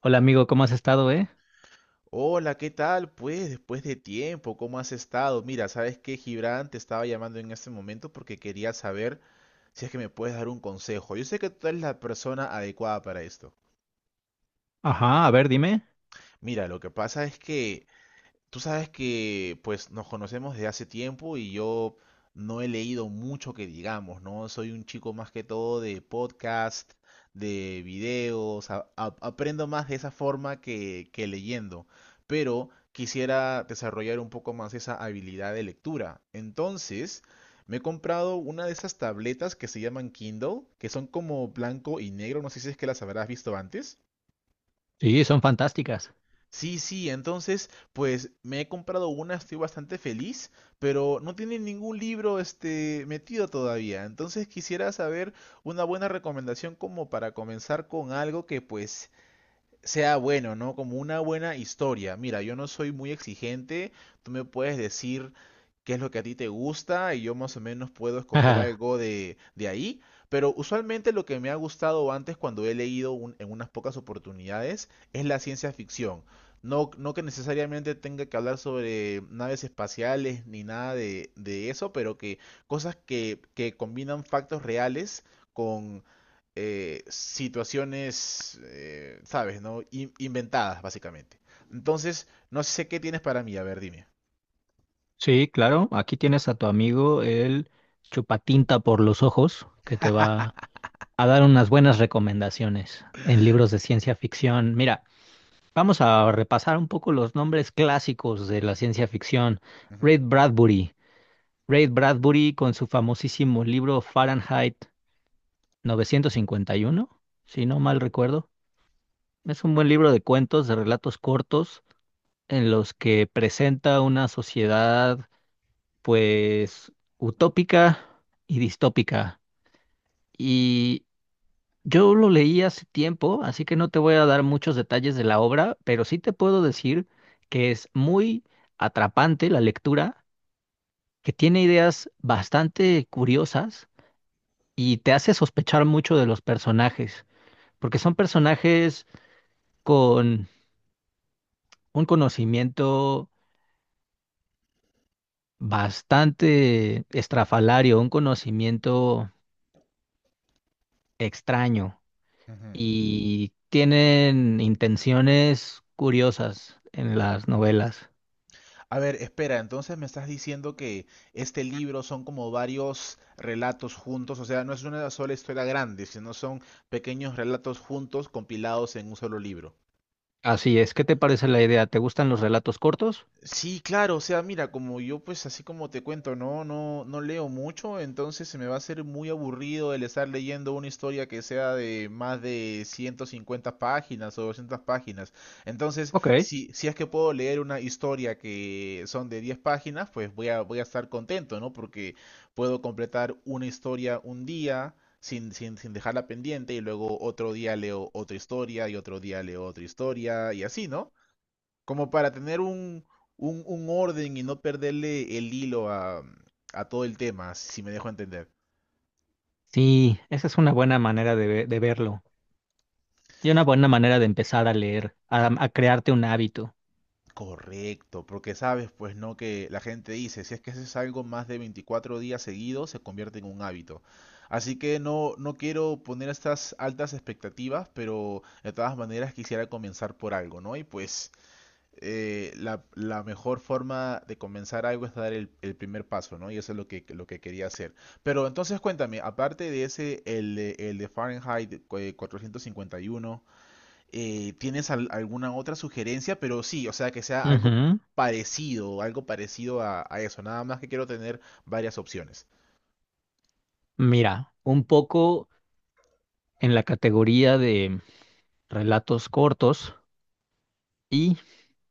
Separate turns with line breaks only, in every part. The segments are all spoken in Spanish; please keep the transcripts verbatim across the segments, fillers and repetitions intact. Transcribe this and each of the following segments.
Hola amigo, ¿cómo has estado, eh?
Hola, ¿qué tal? Pues después de tiempo, ¿cómo has estado? Mira, ¿sabes qué, Gibran? Te estaba llamando en este momento porque quería saber si es que me puedes dar un consejo. Yo sé que tú eres la persona adecuada para esto.
Ajá, a ver, dime.
Mira, lo que pasa es que Tú sabes que pues nos conocemos desde hace tiempo y yo no he leído mucho que digamos, ¿no? Soy un chico más que todo de podcast, de videos, a- a- aprendo más de esa forma que, que leyendo, pero quisiera desarrollar un poco más esa habilidad de lectura. Entonces, me he comprado una de esas tabletas que se llaman Kindle, que son como blanco y negro, no sé si es que las habrás visto antes.
Sí, son fantásticas.
Sí, sí, entonces, pues me he comprado una, estoy bastante feliz, pero no tiene ningún libro este metido todavía. Entonces quisiera saber una buena recomendación como para comenzar con algo que pues sea bueno, ¿no? Como una buena historia. Mira, yo no soy muy exigente, tú me puedes decir qué es lo que a ti te gusta y yo más o menos puedo escoger
Ajá,
algo de, de ahí. Pero usualmente lo que me ha gustado antes cuando he leído un- en unas pocas oportunidades es la ciencia ficción. No, no que necesariamente tenga que hablar sobre naves espaciales ni nada de, de eso, pero que cosas que, que combinan factos reales, eh, situaciones, eh, ¿sabes? ¿No? In- inventadas, básicamente. Entonces, no sé qué tienes para mí. A ver, dime.
sí, claro, aquí tienes a tu amigo el chupatinta por los ojos, que te va a dar unas buenas recomendaciones en libros de ciencia ficción. Mira, vamos a repasar un poco los nombres clásicos de la ciencia ficción.
Ujú,
Ray Bradbury. Ray Bradbury con su famosísimo libro Fahrenheit novecientos cincuenta y uno, si no mal recuerdo. Es un buen libro de cuentos, de relatos cortos en los que presenta una sociedad pues utópica y distópica. Y yo lo leí hace tiempo, así que no te voy a dar muchos detalles de la obra, pero sí te puedo decir que es muy atrapante la lectura, que tiene ideas bastante curiosas y te hace sospechar mucho de los personajes, porque son personajes con un conocimiento bastante estrafalario, un conocimiento extraño
ujú.
y tienen intenciones curiosas en las novelas.
A ver, espera, entonces me estás diciendo que este libro son como varios relatos juntos, o sea, no es una sola historia grande, sino son pequeños relatos juntos compilados en un solo libro.
Así es, ¿qué te parece la idea? ¿Te gustan los relatos cortos?
Sí, claro, o sea, mira, como yo pues así como te cuento, no, no, no leo mucho, entonces se me va a hacer muy aburrido el estar leyendo una historia que sea de más de ciento cincuenta páginas o doscientas páginas. Entonces,
Ok.
si, si es que puedo leer una historia que son de diez páginas, pues voy a, voy a estar contento, ¿no? Porque puedo completar una historia un día sin, sin, sin dejarla pendiente y luego otro día leo otra historia y otro día leo otra historia y así, ¿no? Como para tener un, un, un orden y no perderle el hilo a, a todo el tema, si me dejo entender.
Sí, esa es una buena manera de, ve- de verlo y una buena manera de empezar a leer, a, a crearte un hábito.
Correcto, porque sabes, pues no, que la gente dice, si es que haces algo más de veinticuatro días seguidos, se convierte en un hábito. Así que no, no quiero poner estas altas expectativas, pero de todas maneras quisiera comenzar por algo, ¿no? Y pues eh, la, la mejor forma de comenzar algo es dar el, el primer paso, ¿no? Y eso es lo que, lo que quería hacer. Pero entonces cuéntame, aparte de ese, el, de- el de Fahrenheit eh, cuatrocientos cincuenta y uno, eh, ¿tienes al- alguna otra sugerencia? Pero sí, o sea, que sea algo
Ujú.
parecido, algo parecido a, a eso. Nada más que quiero tener varias opciones.
Mira, un poco en la categoría de relatos cortos y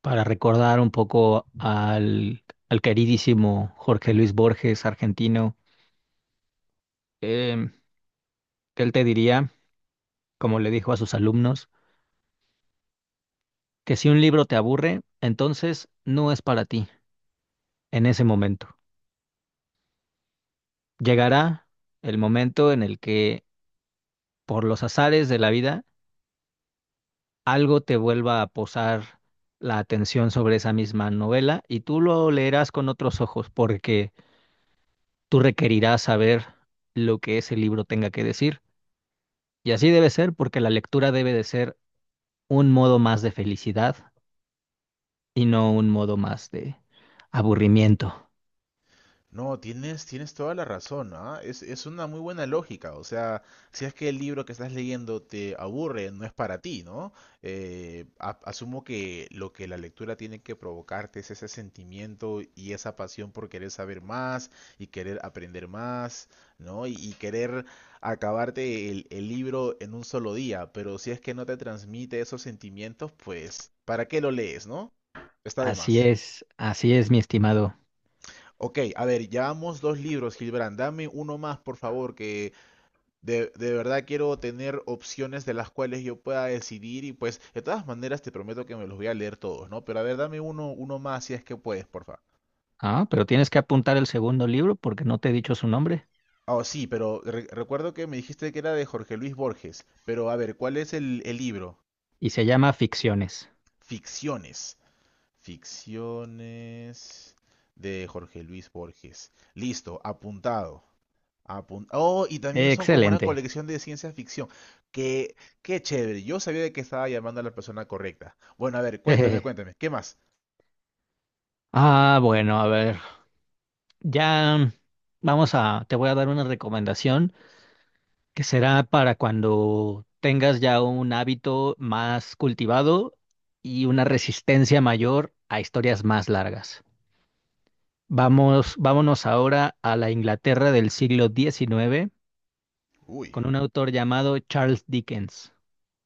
para recordar un poco al, al queridísimo Jorge Luis Borges, argentino. em, que él te diría, como le dijo a sus alumnos, que si un libro te aburre, entonces no es para ti en ese momento. Llegará el momento en el que, por los azares de la vida, algo te vuelva a posar la atención sobre esa misma novela y tú lo leerás con otros ojos porque tú requerirás saber lo que ese libro tenga que decir. Y así debe ser porque la lectura debe de ser un modo más de felicidad y no un modo más de aburrimiento.
No, tienes, tienes toda la razón, ¿ah? Es, es una muy buena lógica. O sea, si es que el libro que estás leyendo te aburre, no es para ti, ¿no? Eh, a- asumo que lo que la lectura tiene que provocarte es ese sentimiento y esa pasión por querer saber más y querer aprender más, ¿no? Y, y querer acabarte el, el libro en un solo día. Pero si es que no te transmite esos sentimientos, pues, ¿para qué lo lees, no? Está de
Así
más.
es, así es, mi estimado.
Ok, a ver, llevamos dos libros, Gilbrand. Dame uno más, por favor, que de, de verdad quiero tener opciones de las cuales yo pueda decidir y pues de todas maneras te prometo que me los voy a leer todos, ¿no? Pero a ver, dame uno, uno más si es que puedes, por favor.
Ah, pero tienes que apuntar el segundo libro porque no te he dicho su nombre
Ah, sí, pero re- recuerdo que me dijiste que era de Jorge Luis Borges, pero a ver, ¿cuál es el, el libro?
y se llama Ficciones.
Ficciones. Ficciones de Jorge Luis Borges. Listo, apuntado. Apun- Oh, y también son como una
Excelente.
colección de ciencia ficción. Qué, qué chévere. Yo sabía de que estaba llamando a la persona correcta. Bueno, a ver, cuéntame,
Jejeje.
cuéntame. ¿Qué más?
Ah, bueno, a ver. Ya vamos a, te voy a dar una recomendación que será para cuando tengas ya un hábito más cultivado y una resistencia mayor a historias más largas. Vamos, vámonos ahora a la Inglaterra del siglo diecinueve
Uy,
con un autor llamado Charles Dickens.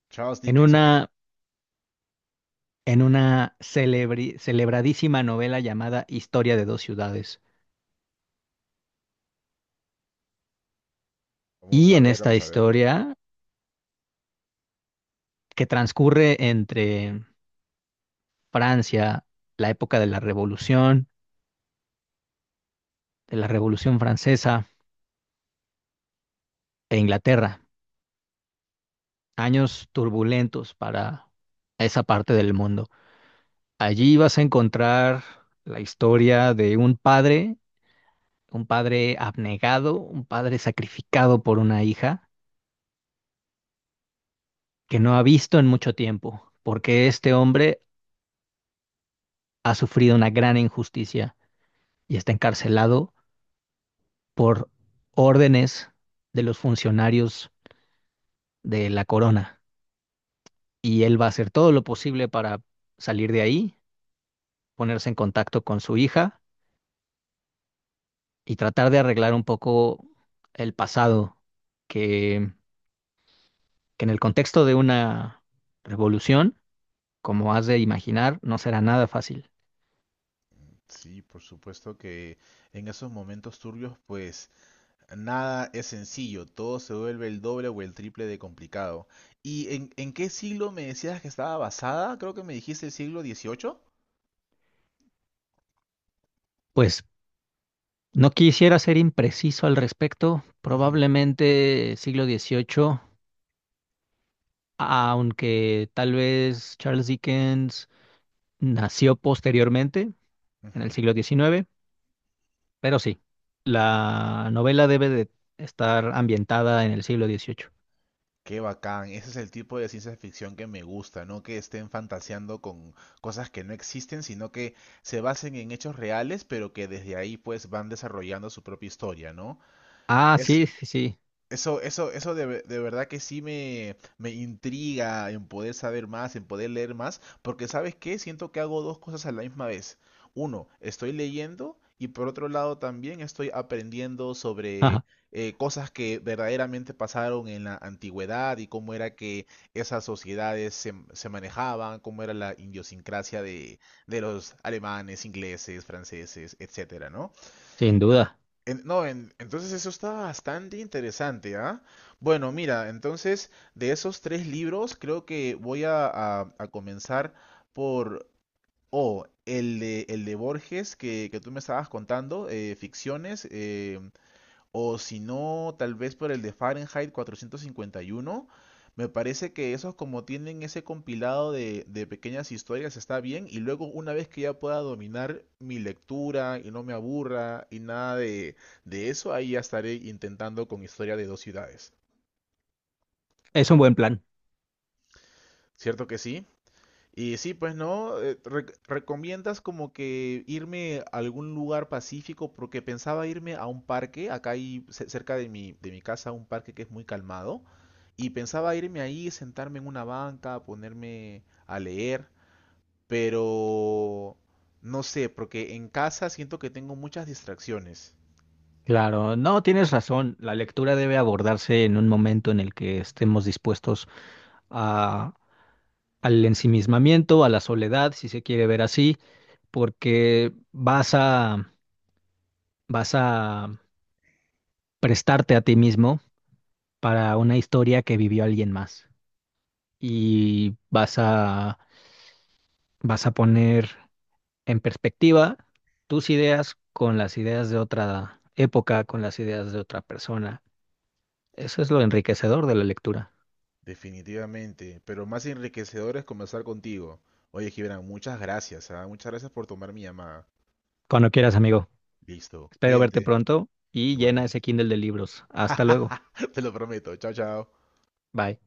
Charles
En
Dickens, ok.
una, en una celebri- celebradísima novela llamada Historia de dos ciudades.
Vamos
Y
a
en
ver,
esta
vamos a ver.
historia, que transcurre entre Francia, la época de la Revolución, de la Revolución Francesa e Inglaterra, años turbulentos para esa parte del mundo. Allí vas a encontrar la historia de un padre, un padre abnegado, un padre sacrificado por una hija que no ha visto en mucho tiempo, porque este hombre ha sufrido una gran injusticia y está encarcelado por órdenes de los funcionarios de la corona. Y él va a hacer todo lo posible para salir de ahí, ponerse en contacto con su hija y tratar de arreglar un poco el pasado que, que en el contexto de una revolución, como has de imaginar, no será nada fácil.
Sí, por supuesto que en esos momentos turbios, pues nada es sencillo. Todo se vuelve el doble o el triple de complicado. ¿Y en, en qué siglo me decías que estaba basada? Creo que me dijiste el siglo dieciocho.
Pues no quisiera ser impreciso al respecto,
Ujú,
probablemente siglo dieciocho, aunque tal vez Charles Dickens nació posteriormente, en el
ujú.
siglo diecinueve, pero sí, la novela debe de estar ambientada en el siglo dieciocho.
Qué bacán, ese es el tipo de ciencia ficción que me gusta, no que estén fantaseando con cosas que no existen, sino que se basen en hechos reales, pero que desde ahí pues van desarrollando su propia historia, ¿no?
Ah, sí, sí, sí,
Eso, eso, eso de, ve- de verdad que sí me, me intriga en poder saber más, en poder leer más, porque ¿sabes qué? Siento que hago dos cosas a la misma vez. Uno, estoy leyendo y por otro lado también estoy aprendiendo sobre
ajá,
eh, cosas que verdaderamente pasaron en la antigüedad y cómo era que esas sociedades se, se manejaban, cómo era la idiosincrasia de, de los alemanes, ingleses, franceses, etcétera, ¿no?
sin duda.
En- no, en- entonces eso está bastante interesante, ¿ah? Bueno, mira, entonces de esos tres libros creo que voy a, a- a comenzar por, o el de, el de Borges que, que tú me estabas contando, eh, Ficciones, eh, o si no, tal vez por el de Fahrenheit cuatrocientos cincuenta y uno. Me parece que esos como tienen ese compilado de, de pequeñas historias está bien y luego una vez que ya pueda dominar mi lectura y no me aburra y nada de, de eso, ahí ya estaré intentando con historia de dos ciudades.
Es un buen plan.
¿Cierto que sí? Y sí, pues no, Eh, re- ¿recomiendas como que irme a algún lugar pacífico? Porque pensaba irme a un parque, acá hay ce- cerca de mi, de mi casa un parque que es muy calmado. Y pensaba irme ahí, sentarme en una banca, ponerme a leer, pero no sé, porque en casa siento que tengo muchas distracciones.
Claro, no, tienes razón. La lectura debe abordarse en un momento en el que estemos dispuestos a, al ensimismamiento, a la soledad, si se quiere ver así, porque vas a, vas a prestarte a ti mismo para una historia que vivió alguien más. Y vas a, vas a poner en perspectiva tus ideas con las ideas de otra época, con las ideas de otra persona. Eso es lo enriquecedor de la lectura.
Definitivamente, pero más enriquecedor es conversar contigo. Oye, Gibran, muchas gracias, ¿ah? Muchas gracias por tomar mi llamada.
Cuando quieras, amigo.
Listo,
Espero verte
cuídate,
pronto y llena ese
igualmente.
Kindle de libros. Hasta luego.
Te lo prometo, chao, chao.
Bye.